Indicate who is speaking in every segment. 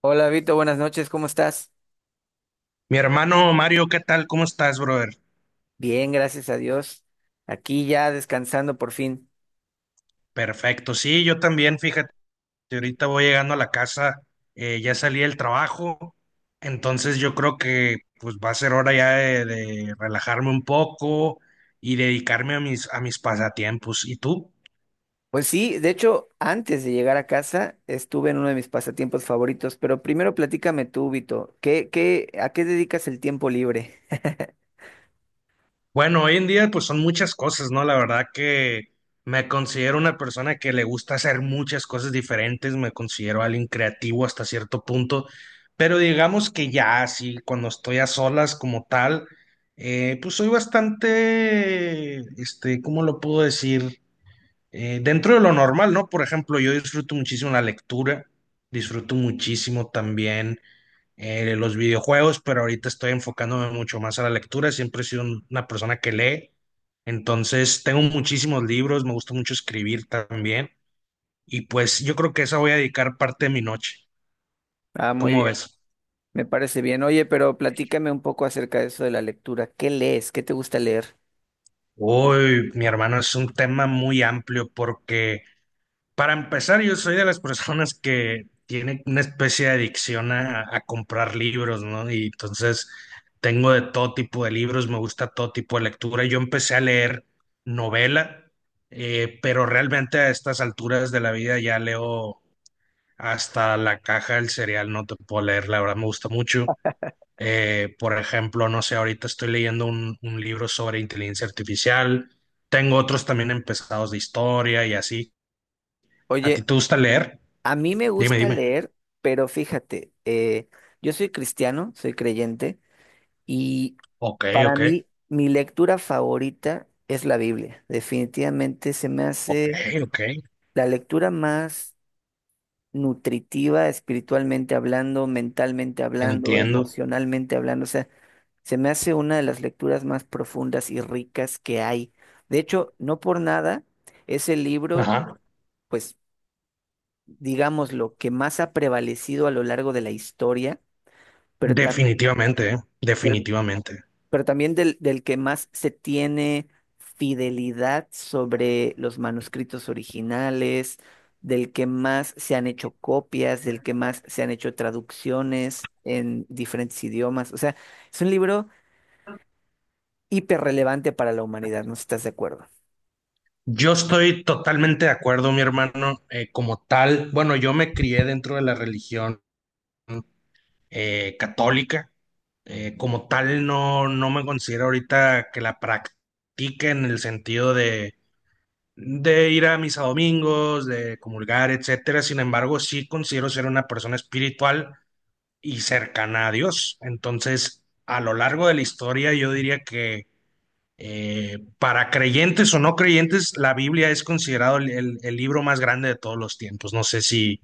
Speaker 1: Hola Vito, buenas noches, ¿cómo estás?
Speaker 2: Mi hermano Mario, ¿qué tal? ¿Cómo estás, brother?
Speaker 1: Bien, gracias a Dios. Aquí ya descansando por fin.
Speaker 2: Perfecto. Sí, yo también, fíjate, ahorita voy llegando a la casa, ya salí del trabajo, entonces yo creo que pues va a ser hora ya de relajarme un poco y dedicarme a mis pasatiempos. ¿Y tú?
Speaker 1: Pues sí, de hecho, antes de llegar a casa estuve en uno de mis pasatiempos favoritos, pero primero platícame tú, Vito, ¿a qué dedicas el tiempo libre?
Speaker 2: Bueno, hoy en día pues son muchas cosas, ¿no? La verdad que me considero una persona que le gusta hacer muchas cosas diferentes, me considero alguien creativo hasta cierto punto, pero digamos que ya así, cuando estoy a solas como tal, pues soy bastante, este, ¿cómo lo puedo decir? Dentro de lo normal, ¿no? Por ejemplo, yo disfruto muchísimo la lectura, disfruto muchísimo también los videojuegos, pero ahorita estoy enfocándome mucho más a la lectura. Siempre he sido una persona que lee. Entonces, tengo muchísimos libros, me gusta mucho escribir también. Y pues yo creo que esa voy a dedicar parte de mi noche.
Speaker 1: Ah, muy
Speaker 2: ¿Cómo
Speaker 1: bien,
Speaker 2: ves?
Speaker 1: me parece bien. Oye, pero platícame un poco acerca de eso de la lectura. ¿Qué lees? ¿Qué te gusta leer?
Speaker 2: Uy, mi hermano, es un tema muy amplio porque para empezar, yo soy de las personas que tiene una especie de adicción a comprar libros, ¿no? Y entonces tengo de todo tipo de libros, me gusta todo tipo de lectura. Yo empecé a leer novela, pero realmente a estas alturas de la vida ya leo hasta la caja del cereal, no te puedo leer, la verdad me gusta mucho. Por ejemplo, no sé, ahorita estoy leyendo un libro sobre inteligencia artificial, tengo otros también empezados de historia y así. ¿A ti
Speaker 1: Oye,
Speaker 2: te gusta leer?
Speaker 1: a mí me
Speaker 2: Dime,
Speaker 1: gusta
Speaker 2: dime.
Speaker 1: leer, pero fíjate, yo soy cristiano, soy creyente, y
Speaker 2: Ok,
Speaker 1: para
Speaker 2: ok,
Speaker 1: mí, mi lectura favorita es la Biblia. Definitivamente se me
Speaker 2: ok,
Speaker 1: hace
Speaker 2: ok.
Speaker 1: la lectura más nutritiva, espiritualmente hablando, mentalmente hablando,
Speaker 2: Entiendo.
Speaker 1: emocionalmente hablando. O sea, se me hace una de las lecturas más profundas y ricas que hay. De hecho, no por nada, es el libro,
Speaker 2: Ajá.
Speaker 1: pues, digamos, lo que más ha prevalecido a lo largo de la historia, pero,
Speaker 2: Definitivamente,
Speaker 1: pero
Speaker 2: definitivamente.
Speaker 1: también del que más se tiene fidelidad sobre los manuscritos originales, del que más se han hecho copias, del que más se han hecho traducciones en diferentes idiomas. O sea, es un libro hiperrelevante para la humanidad, ¿no estás de acuerdo?
Speaker 2: Yo estoy totalmente de acuerdo, mi hermano. Como tal, bueno, yo me crié dentro de la religión católica. Como tal, no me considero ahorita que la practique en el sentido de ir a misa domingos, de comulgar, etcétera. Sin embargo, sí considero ser una persona espiritual y cercana a Dios. Entonces, a lo largo de la historia, yo diría que para creyentes o no creyentes, la Biblia es considerado el libro más grande de todos los tiempos. No sé si,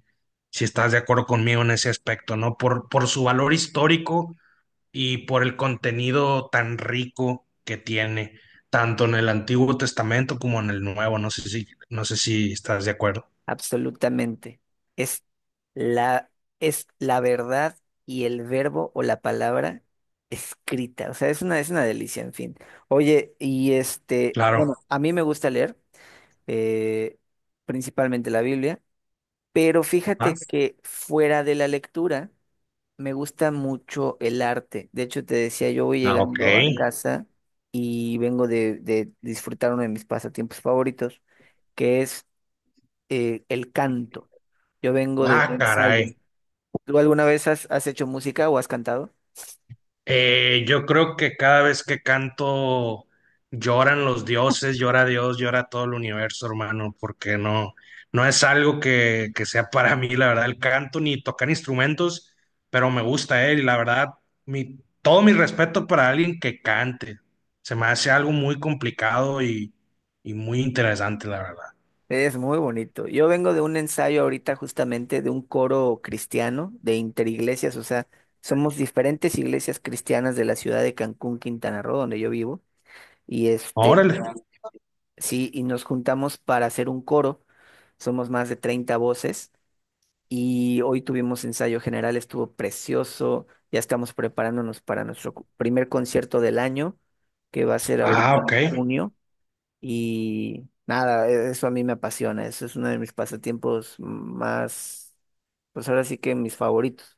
Speaker 2: si estás de acuerdo conmigo en ese aspecto, ¿no? Por su valor histórico y por el contenido tan rico que tiene, tanto en el Antiguo Testamento como en el Nuevo. No sé si, no sé si estás de acuerdo.
Speaker 1: Absolutamente. Es la, es la verdad y el verbo o la palabra escrita. O sea, es una delicia, en fin. Oye, y este,
Speaker 2: Claro.
Speaker 1: bueno, a mí me gusta leer, eh, principalmente la Biblia, pero
Speaker 2: Ah,
Speaker 1: fíjate que fuera de la lectura me gusta mucho el arte. De hecho, te decía, yo voy
Speaker 2: ah, ok.
Speaker 1: llegando a casa y vengo de disfrutar uno de mis pasatiempos favoritos, que es el canto. Yo vengo de un
Speaker 2: Ah,
Speaker 1: ensayo.
Speaker 2: caray.
Speaker 1: ¿Tú alguna vez has hecho música o has cantado?
Speaker 2: Yo creo que cada vez que canto lloran los dioses, llora Dios, llora todo el universo, hermano, porque no, no es algo que sea para mí, la verdad, el canto ni tocar instrumentos, pero me gusta él y la verdad, todo mi respeto para alguien que cante. Se me hace algo muy complicado y muy interesante, la verdad.
Speaker 1: Es muy bonito. Yo vengo de un ensayo ahorita justamente de un coro cristiano de interiglesias, o sea, somos diferentes iglesias cristianas de la ciudad de Cancún, Quintana Roo, donde yo vivo, y este,
Speaker 2: Órale.
Speaker 1: sí, y nos juntamos para hacer un coro, somos más de 30 voces, y hoy tuvimos ensayo general, estuvo precioso, ya estamos preparándonos para nuestro primer concierto del año, que va a ser
Speaker 2: Ah,
Speaker 1: ahorita
Speaker 2: ok.
Speaker 1: en junio, y nada, eso a mí me apasiona, eso es uno de mis pasatiempos más, pues ahora sí que mis favoritos.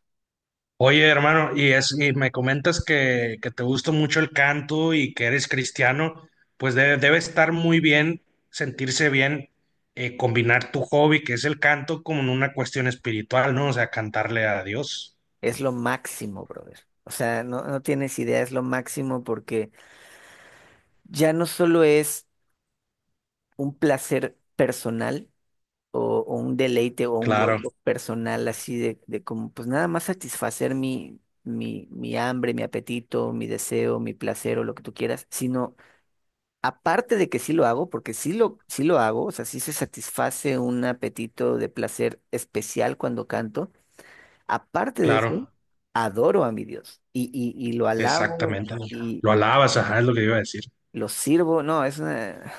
Speaker 2: Oye, hermano, y me comentas que te gusta mucho el canto y que eres cristiano, pues debe, debe estar muy bien, sentirse bien, combinar tu hobby, que es el canto, con una cuestión espiritual, ¿no? O sea, cantarle a Dios.
Speaker 1: Es lo máximo, brother. O sea, no, no tienes idea, es lo máximo porque ya no solo es un placer personal o un deleite o un
Speaker 2: Claro,
Speaker 1: gozo personal así pues nada más satisfacer mi hambre, mi apetito, mi deseo, mi placer o lo que tú quieras, sino aparte de que sí lo hago, porque sí lo hago, o sea, sí se satisface un apetito de placer especial cuando canto. Aparte de eso,
Speaker 2: claro,
Speaker 1: adoro a mi Dios y lo alabo
Speaker 2: exactamente.
Speaker 1: y
Speaker 2: Lo alabas, ajá, es lo que iba a decir.
Speaker 1: lo sirvo. No,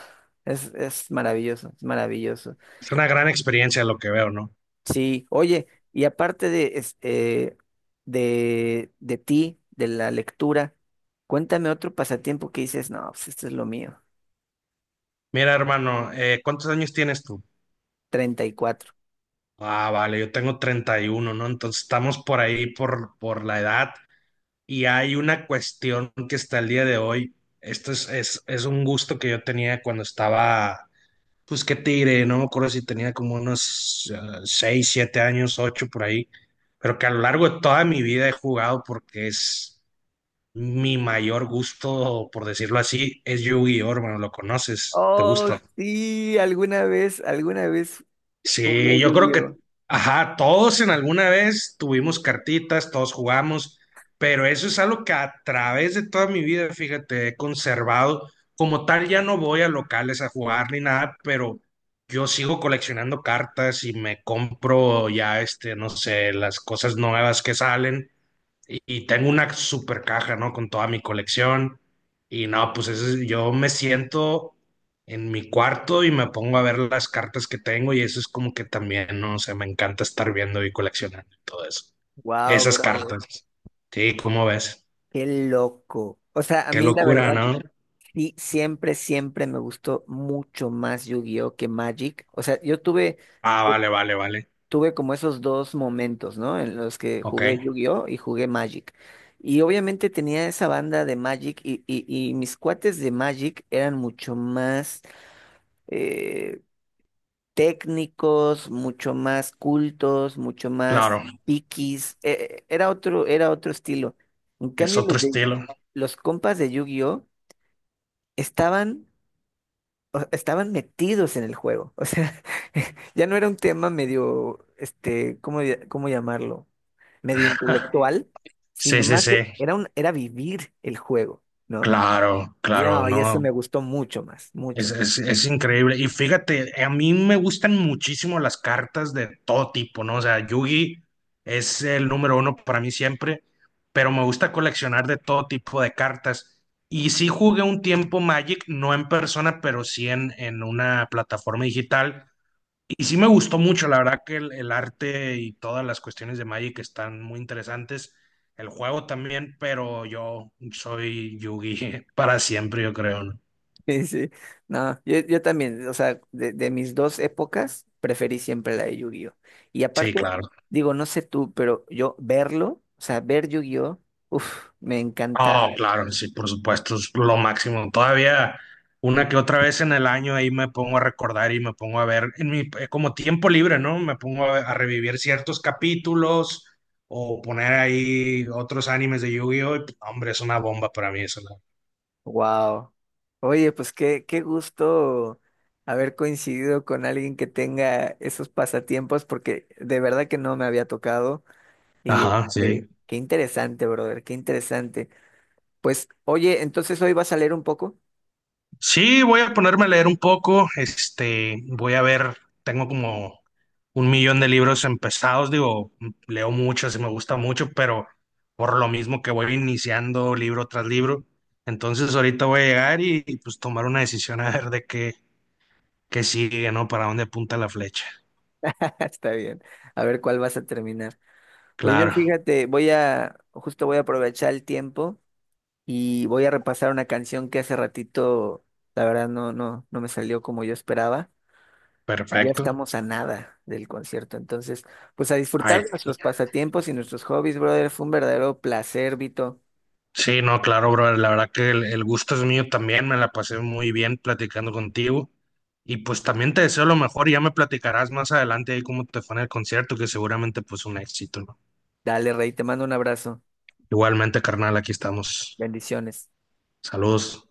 Speaker 1: es maravilloso, es maravilloso.
Speaker 2: Es una gran experiencia lo que veo, ¿no?
Speaker 1: Sí, oye, y aparte de, este, de ti, de la lectura, cuéntame otro pasatiempo que dices, no, pues esto es lo mío.
Speaker 2: Mira, hermano, ¿cuántos años tienes tú?
Speaker 1: 34.
Speaker 2: Ah, vale, yo tengo 31, ¿no? Entonces estamos por ahí por la edad y hay una cuestión que está el día de hoy. Esto es un gusto que yo tenía cuando estaba, pues qué te diré, no me acuerdo si tenía como unos 6, 7 años, 8 por ahí, pero que a lo largo de toda mi vida he jugado porque es mi mayor gusto, por decirlo así, es Yu-Gi-Oh, hermano, lo conoces, te
Speaker 1: Oh,
Speaker 2: gusta.
Speaker 1: sí, alguna vez jugué
Speaker 2: Sí, yo creo que,
Speaker 1: Yu-Gi-Oh.
Speaker 2: ajá, todos en alguna vez tuvimos cartitas, todos jugamos, pero eso es algo que a través de toda mi vida, fíjate, he conservado. Como tal, ya no voy a locales a jugar ni nada, pero yo sigo coleccionando cartas y me compro ya, este, no sé, las cosas nuevas que salen y tengo una super caja, ¿no? Con toda mi colección. Y no, pues eso es- yo me siento en mi cuarto y me pongo a ver las cartas que tengo y eso es como que también, ¿no? O sea, me encanta estar viendo y coleccionando y todo eso.
Speaker 1: Wow,
Speaker 2: Esas
Speaker 1: brother,
Speaker 2: cartas. Sí, ¿cómo ves?
Speaker 1: qué loco. O sea, a
Speaker 2: Qué
Speaker 1: mí la
Speaker 2: locura,
Speaker 1: verdad,
Speaker 2: ¿no?
Speaker 1: sí, siempre, siempre me gustó mucho más Yu-Gi-Oh que Magic. O sea, yo tuve,
Speaker 2: Ah,
Speaker 1: eh,
Speaker 2: vale, vale, vale.
Speaker 1: tuve como esos dos momentos, ¿no? En los que jugué
Speaker 2: Ok,
Speaker 1: Yu-Gi-Oh y jugué Magic. Y obviamente tenía esa banda de Magic y mis cuates de Magic eran mucho más eh, técnicos, mucho más cultos, mucho más
Speaker 2: claro.
Speaker 1: piquis. Era otro estilo. En
Speaker 2: Es
Speaker 1: cambio,
Speaker 2: otro estilo.
Speaker 1: los compas de Yu-Gi-Oh! Estaban, estaban metidos en el juego. O sea, ya no era un tema medio, este, ¿cómo llamarlo? Medio intelectual,
Speaker 2: Sí,
Speaker 1: sino
Speaker 2: sí,
Speaker 1: más
Speaker 2: sí.
Speaker 1: era vivir el juego, ¿no?
Speaker 2: Claro,
Speaker 1: Y,
Speaker 2: claro,
Speaker 1: ah, y
Speaker 2: no.
Speaker 1: eso me gustó mucho más, mucho.
Speaker 2: Es increíble. Y fíjate, a mí me gustan muchísimo las cartas de todo tipo, ¿no? O sea, Yugi es el número uno para mí siempre, pero me gusta coleccionar de todo tipo de cartas. Y sí jugué un tiempo Magic, no en persona, pero sí en una plataforma digital. Y sí me gustó mucho, la verdad que el arte y todas las cuestiones de Magic están muy interesantes. El juego también, pero yo soy Yugi para siempre, yo creo, ¿no?
Speaker 1: Sí, sí. No, yo también, o sea, de mis dos épocas, preferí siempre la de Yu-Gi-Oh! Y
Speaker 2: Sí,
Speaker 1: aparte,
Speaker 2: claro.
Speaker 1: digo, no sé tú, pero yo verlo, o sea, ver Yu-Gi-Oh! Uf, me
Speaker 2: No
Speaker 1: encantaba.
Speaker 2: claro, sí, por supuesto, es lo máximo. Todavía una que otra vez en el año ahí me pongo a recordar y me pongo a ver en mi como tiempo libre, ¿no? Me pongo a revivir ciertos capítulos o poner ahí otros animes de Yu-Gi-Oh!, y hombre, es una bomba para mí eso. ¿No?
Speaker 1: Wow. Oye, pues qué gusto haber coincidido con alguien que tenga esos pasatiempos, porque de verdad que no me había tocado. Y
Speaker 2: Ajá,
Speaker 1: este,
Speaker 2: sí.
Speaker 1: qué interesante, brother, qué interesante. Pues, oye, entonces hoy vas a leer un poco.
Speaker 2: Sí, voy a ponerme a leer un poco. Este, voy a ver, tengo como un millón de libros empezados. Digo, leo mucho, así me gusta mucho, pero por lo mismo que voy iniciando libro tras libro. Entonces ahorita voy a llegar pues tomar una decisión a ver de qué, qué sigue, ¿no? Para dónde apunta la flecha.
Speaker 1: Está bien. A ver cuál vas a terminar. Pues yo
Speaker 2: Claro,
Speaker 1: fíjate, justo voy a aprovechar el tiempo y voy a repasar una canción que hace ratito, la verdad, no me salió como yo esperaba. Ya
Speaker 2: perfecto.
Speaker 1: estamos a nada del concierto, entonces, pues a
Speaker 2: Ahí.
Speaker 1: disfrutar de nuestros pasatiempos y nuestros hobbies, brother. Fue un verdadero placer, Vito.
Speaker 2: Sí, no, claro, brother. La verdad que el gusto es mío también. Me la pasé muy bien platicando contigo. Y pues también te deseo lo mejor. Y ya me platicarás más adelante ahí cómo te fue en el concierto, que seguramente pues un éxito, ¿no?
Speaker 1: Dale, Rey, te mando un abrazo.
Speaker 2: Igualmente, carnal, aquí estamos.
Speaker 1: Bendiciones.
Speaker 2: Saludos.